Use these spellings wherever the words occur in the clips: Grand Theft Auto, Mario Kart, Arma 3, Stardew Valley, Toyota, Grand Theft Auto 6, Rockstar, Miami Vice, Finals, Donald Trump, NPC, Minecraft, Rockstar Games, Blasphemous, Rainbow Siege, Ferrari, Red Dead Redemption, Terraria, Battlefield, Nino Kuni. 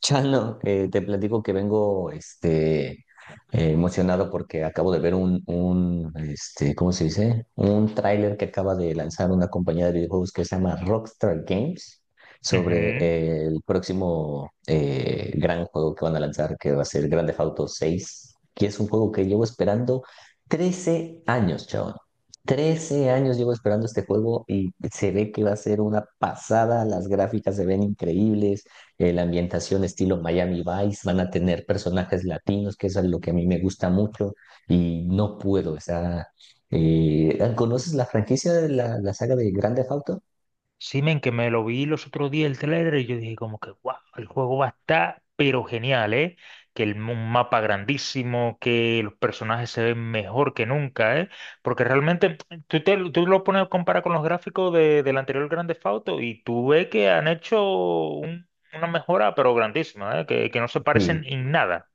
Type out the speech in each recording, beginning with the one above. Chano, te platico que vengo emocionado porque acabo de ver un ¿cómo se dice? Un tráiler que acaba de lanzar una compañía de videojuegos que se llama Rockstar Games sobre Ujú. El próximo gran juego que van a lanzar, que va a ser Grand Theft Auto 6, que es un juego que llevo esperando 13 años, chavo. 13 años llevo esperando este juego y se ve que va a ser una pasada, las gráficas se ven increíbles. La ambientación estilo Miami Vice, van a tener personajes latinos, que eso es lo que a mí me gusta mucho y no puedo, o sea, ¿conoces la franquicia de la saga de Grande Theft Auto? Sí, men, que me lo vi los otros días el trailer y yo dije como que, wow, el juego va a estar pero genial, ¿eh? Que un mapa grandísimo, que los personajes se ven mejor que nunca, ¿eh? Porque realmente tú lo pones a comparar con los gráficos del anterior Grand Theft Auto y tú ves que han hecho un- una mejora pero grandísima, ¿eh? Que no se parecen Sí. en nada.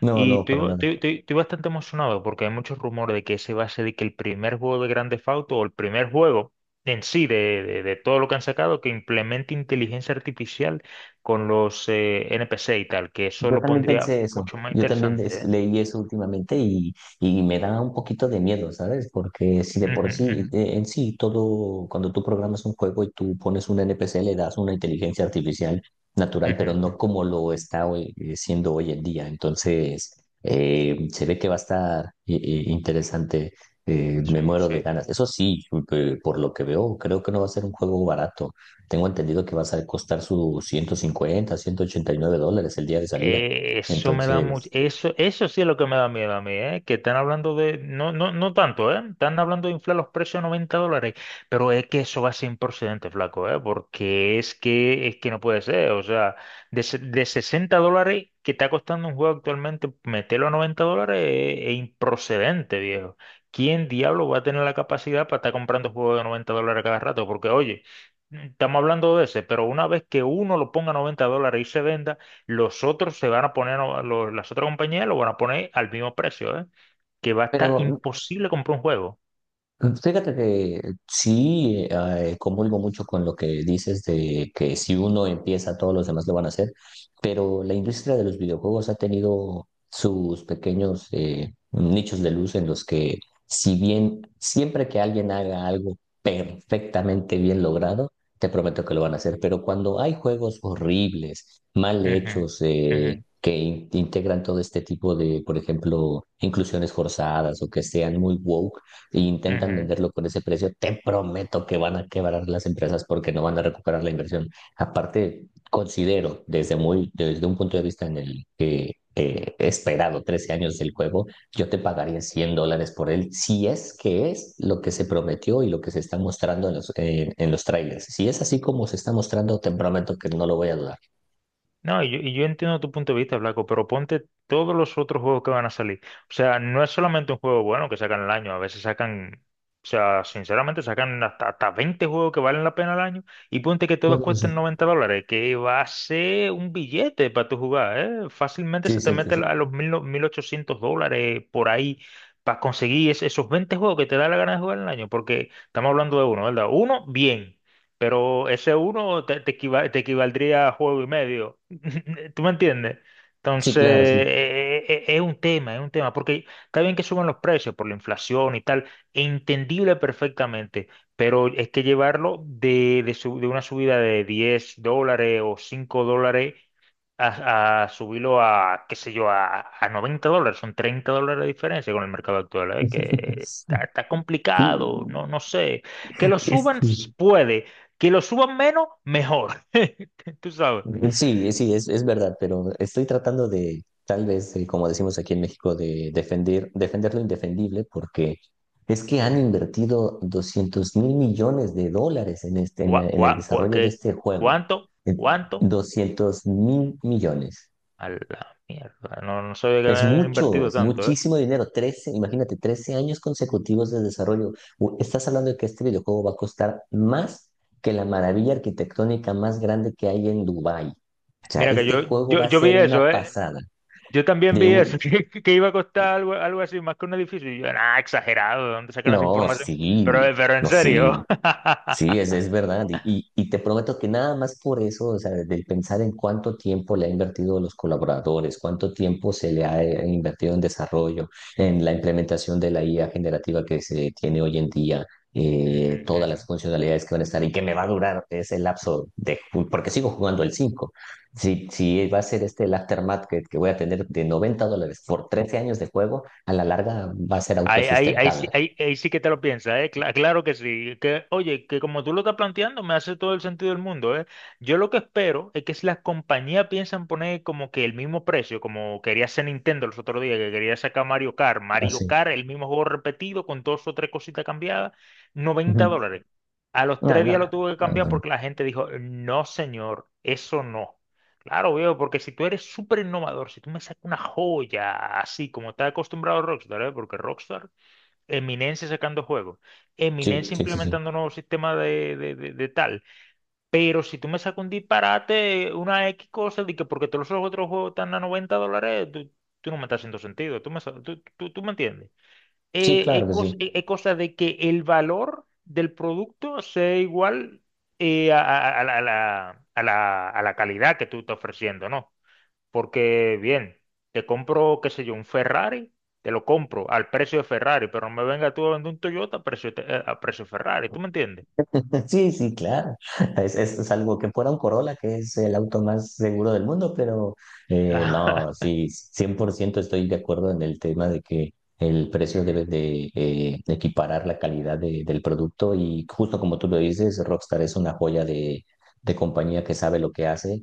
No, Y no, estoy, para nada. estoy- estoy- estoy bastante emocionado porque hay muchos rumores de que ese va a ser de que el primer juego de Grand Theft Auto o el primer juego en sí de todo lo que han sacado que implemente inteligencia artificial con los NPC y tal, que eso Yo lo también pondría pensé eso, mucho más yo también interesante, ¿eh? leí eso últimamente y me da un poquito de miedo, ¿sabes? Porque si de por Ujú, sí, ujú, en sí, todo, cuando tú programas un juego y tú pones un NPC, le das una inteligencia artificial natural, ujú, pero no ujú. como lo está siendo hoy en día. Entonces, se ve que va a estar interesante, me Sí, muero de sí. ganas. Eso sí, por lo que veo, creo que no va a ser un juego barato. Tengo entendido que vas a costar sus 150, 189 dólares el día de salida. Eso me da mucho, Entonces, eso sí es lo que me da miedo a mí, ¿eh? Que están hablando de, no, no, no tanto, ¿eh? Están hablando de inflar los precios a $90, pero es que eso va sin procedente, flaco, ¿eh? Porque es que no puede ser, o sea, de $60 que está costando un juego actualmente, meterlo a $90 es improcedente, viejo. ¿Quién diablo va a tener la capacidad para estar comprando juegos de $90 cada rato? Porque, oye, estamos hablando de ese, pero una vez que uno lo ponga a $90 y se venda, los otros se van a poner, las otras compañías lo van a poner al mismo precio, ¿eh? Que va a estar pero imposible comprar un juego. fíjate que sí, comulgo mucho con lo que dices de que si uno empieza, todos los demás lo van a hacer, pero la industria de los videojuegos ha tenido sus pequeños nichos de luz en los que, si bien siempre que alguien haga algo perfectamente bien logrado, te prometo que lo van a hacer, pero cuando hay juegos horribles, mal Ujú, hechos, ujú, que integran todo este tipo de, por ejemplo, inclusiones forzadas o que sean muy wow, si intentan ujú. venderlo con ese precio, te prometo que van a quebrar las empresas porque no van a recuperar la inversión. Aparte, considero desde muy, desde un punto de vista en el que he esperado 13 años del juego, yo te pagaría $100 por él si es que es lo que se prometió y lo que se está mostrando en en los trailers. Si es así como se está mostrando, te prometo que no lo voy a dudar. No, y yo entiendo tu punto de vista, Blanco, pero ponte todos los otros juegos que van a salir. O sea, no es solamente un juego bueno que sacan al año, a veces sacan, o sea, sinceramente sacan hasta 20 juegos que valen la pena al año y ponte que todos Bueno, cuesten sí, $90, que va a ser un billete para tu jugar, ¿eh? Fácilmente sí, se te mete siéntese. a los mil no- 1.800 dólares por ahí para conseguir esos 20 juegos que te da la gana de jugar al año, porque estamos hablando de uno, ¿verdad? Uno, bien. Pero ese uno te, te equivaldría a juego y medio. ¿Tú me entiendes? Sí, Entonces, claro, sí. Es un tema, porque está bien que suban los precios por la inflación y tal, entendible perfectamente, pero es que llevarlo de una subida de $10 o $5 a subirlo a, qué sé yo, a $90, son $30 de diferencia con el mercado actual, ¿eh? Que está Sí, complicado, no, no sé. Que lo es suban que puede, que lo suban menos, mejor. Tú sabes. sí, sí, es verdad, pero estoy tratando de, tal vez, de, como decimos aquí en México, de defender, defender lo indefendible, porque es que han Ujú. invertido $200 mil millones en, ¿Cuá- en el cuá- cuá- desarrollo de qué- este juego. ¿Cuánto? Eh, ¿Cuánto? 200 mil millones. A la mierda. No, no sabía que Es habían mucho, invertido es tanto, ¿eh? muchísimo dinero. 13, imagínate, 13 años consecutivos de desarrollo. Estás hablando de que este videojuego va a costar más que la maravilla arquitectónica más grande que hay en Dubái. O sea, Mira que este yo, juego yo, va a yo vi ser una eso, ¿eh? pasada. Yo también De vi eso, un... que iba a costar algo así, más que un edificio. Y yo, ah, exagerado, ¿de dónde sacan esa No, información? sí, Pero en no, sí. serio. Sí, es verdad. Y y te prometo que nada más por eso, o sea, del pensar en cuánto tiempo le ha invertido a los colaboradores, cuánto tiempo se le ha invertido en desarrollo, en la implementación de la IA generativa que se tiene hoy en día, Ujú, todas las ujú. funcionalidades que van a estar y que me va a durar ese lapso de, porque sigo jugando el cinco. Si si va a ser este el aftermath que voy a tener de $90 por 13 años de juego, a la larga va a ser Ahí, autosustentable. sí, ahí sí que te lo piensas, ¿eh? Claro que sí. Que, oye, que como tú lo estás planteando, me hace todo el sentido del mundo, ¿eh? Yo lo que espero es que si las compañías piensan poner como que el mismo precio, como quería hacer Nintendo los otros días, que quería sacar Mario Kart, Mario Así. Kart, el mismo juego repetido con dos o tres cositas cambiadas, noventa Ujú. dólares. A los Ah, tres no, días lo tuve que no, no. cambiar No. porque la gente dijo, no, señor, eso no. Claro, veo, porque si tú eres súper innovador, si tú me sacas una joya así como está acostumbrado Rockstar, ¿eh? Porque Rockstar Eminencia sacando juegos, Sí, Eminencia sí, sí, sí. implementando un nuevo sistema de tal. Pero si tú me sacas un disparate, una X cosa, de que porque todos los otros juegos están a 90 dólares, tú no me estás haciendo sentido. Tú me, sa- tú- tú me entiendes. Sí, Eh, claro Es que cos- sí. es- es cosa, de que el valor del producto sea igual a la calidad que tú estás ofreciendo, ¿no? Porque, bien, te compro, qué sé yo, un Ferrari, te lo compro al precio de Ferrari, pero no me venga tú a vender un Toyota a precio Ferrari, ¿tú me entiendes? Sí, sí, claro. Es algo que fuera un Corolla, que es el auto más seguro del mundo, pero Ajá. no, sí, 100% estoy de acuerdo en el tema de que el precio Ujú, debe de equiparar la calidad del producto y justo como tú lo dices, Rockstar es una joya de compañía que sabe lo que hace,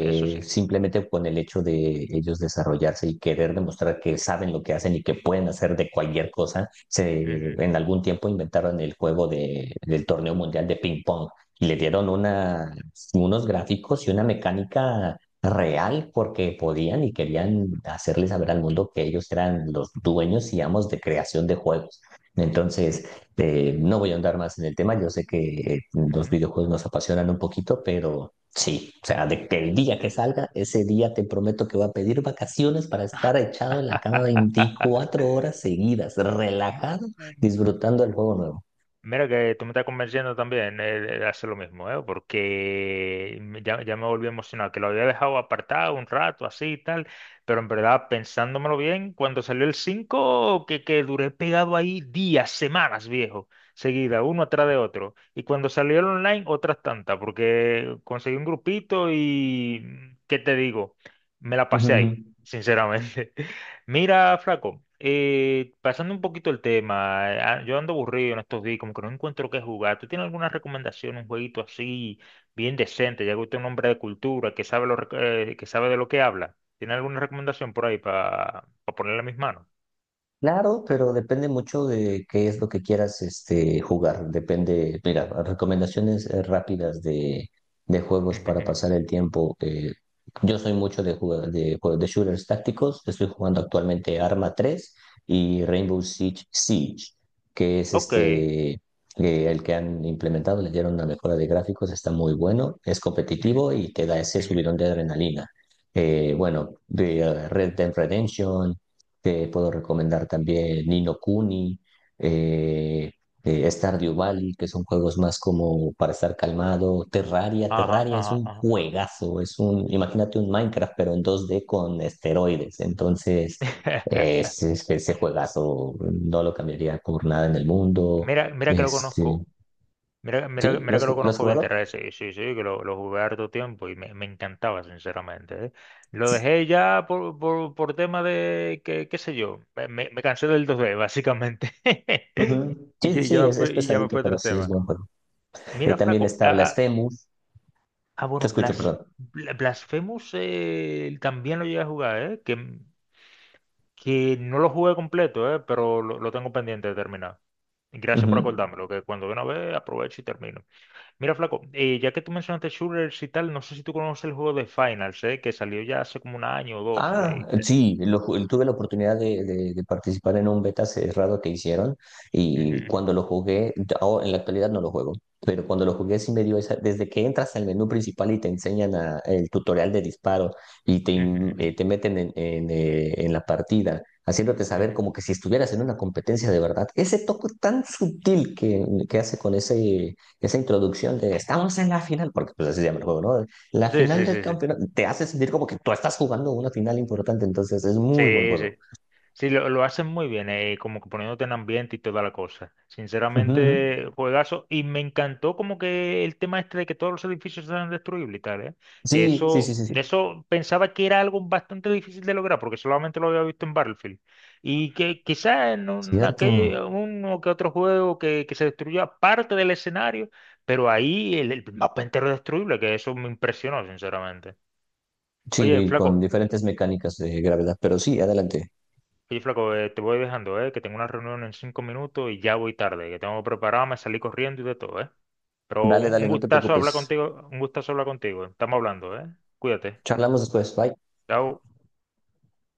eso sí. simplemente con el hecho de ellos desarrollarse y querer demostrar que saben lo que hacen y que pueden hacer de cualquier cosa se, Ujú, en algún tiempo inventaron el juego de, del torneo mundial de ping pong y le dieron una, unos gráficos y una mecánica real porque podían y querían hacerle saber al mundo que ellos eran los dueños y amos de creación de juegos. Entonces, no voy a andar más en el tema, yo sé que los ujú, videojuegos nos apasionan un poquito, pero sí, o sea, de que el día que sí, salga, ese día te prometo que voy a pedir vacaciones para estar echado en la cama 24 horas seguidas, relajado, sí. disfrutando del juego nuevo. Mira que tú me estás convenciendo también de hacer lo mismo, ¿eh? Porque ya me volví emocionado, que lo había dejado apartado un rato, así y tal, pero en verdad, pensándomelo bien, cuando salió el 5 que duré pegado ahí días, semanas, viejo, seguida, uno atrás de otro. Y cuando salió el online, otras tantas, porque conseguí un grupito y, ¿qué te digo? Me la pasé ahí, sinceramente. Mira, flaco, pasando un poquito el tema, yo ando aburrido en estos días, como que no encuentro qué jugar. ¿Tú tienes alguna recomendación, un jueguito así, bien decente, ya que usted es un hombre de cultura, que sabe, que sabe de lo que habla? ¿Tiene alguna recomendación por ahí para ponerle a mis manos? Claro, pero depende mucho de qué es lo que quieras este, jugar. Depende, mira, recomendaciones rápidas de juegos Ujú, para ujú. pasar el tiempo. Yo soy mucho de, jugar, de shooters tácticos. Estoy jugando actualmente Arma 3 y Rainbow Siege, que es Ok. este, el que han implementado. Le dieron una mejora de gráficos, está muy bueno, es Ujú, competitivo y te da ese ujú. subidón de adrenalina. Bueno, de Red Dead Redemption. Te puedo recomendar también Nino Kuni, eh, Stardew Valley, que son juegos más como para estar calmado. Terraria, Ajá, Terraria es ajá, un ajá. juegazo, es un, imagínate un Minecraft, pero en 2D con esteroides. Entonces, ese, ese juegazo no lo cambiaría por nada en el mundo. Mira, mira que lo Este, conozco. Mira, mira, ¿sí? ¿Lo mira que has, lo lo has conozco bien, jugado? Terraria, sí, sí, sí, que lo jugué harto tiempo y me encantaba, sinceramente, ¿eh? Lo Sí. dejé ya por tema de, que, qué sé yo, me cansé del 2D, básicamente. Ujú. Y Sí, ya, sí, y ya sí, me fue, es y ya me pesadito, fue pero otro sí es tema. buen juego. Mira, También flaco, está ah, Blasphemous. Te bueno, escucho, perdón. Blasphemous también lo llegué a jugar, ¿eh? Que no lo jugué completo, ¿eh? Pero lo tengo pendiente de terminar. Gracias por Ujú. acordármelo, que cuando de una vez aprovecho y termino. Mira, flaco, ya que tú mencionaste shooters y tal, no sé si tú conoces el juego de Finals, que salió ya hace como un año o dos. Ah, sí, tuve la oportunidad de, de participar en un beta cerrado que hicieron y Ujú, cuando lo jugué, ahora en la actualidad no lo juego, pero cuando lo jugué sí me dio esa, desde que entras al menú principal y te enseñan el tutorial de disparo y te, ujú, te meten en, en la partida, haciéndote ujú, saber ujú. como que si estuvieras en una competencia de verdad, ese toque tan sutil que hace con ese, esa introducción de estamos en la final, porque pues así se llama el juego, ¿no? La Sí, final sí, del sí, sí. campeonato te hace sentir como que tú estás jugando una final importante, entonces es muy buen Sí, sí. juego. Sí, lo hacen muy bien, como que poniéndote en ambiente y toda la cosa. Ujú, ujú. Sinceramente, juegazo. Y me encantó como que el tema este de que todos los edificios eran destruibles y tal, ¿eh? Que Sí, sí, eso, sí, sí, de sí. eso pensaba que era algo bastante difícil de lograr, porque solamente lo había visto en Battlefield. Y que quizás en Cierto. uno que otro juego que se destruyó parte del escenario, pero ahí el mapa entero es destruible, que eso me impresionó, sinceramente. Oye, Sí, con flaco. diferentes mecánicas de gravedad, pero sí, adelante. Oye, flaco, te voy dejando, que tengo una reunión en 5 minutos y ya voy tarde, que tengo preparado, me salí corriendo y de todo. Pero Dale, un, dale, un no te gustazo hablar preocupes. contigo, un gustazo hablar contigo. Estamos hablando. Cuídate. Charlamos después. Bye. Chao.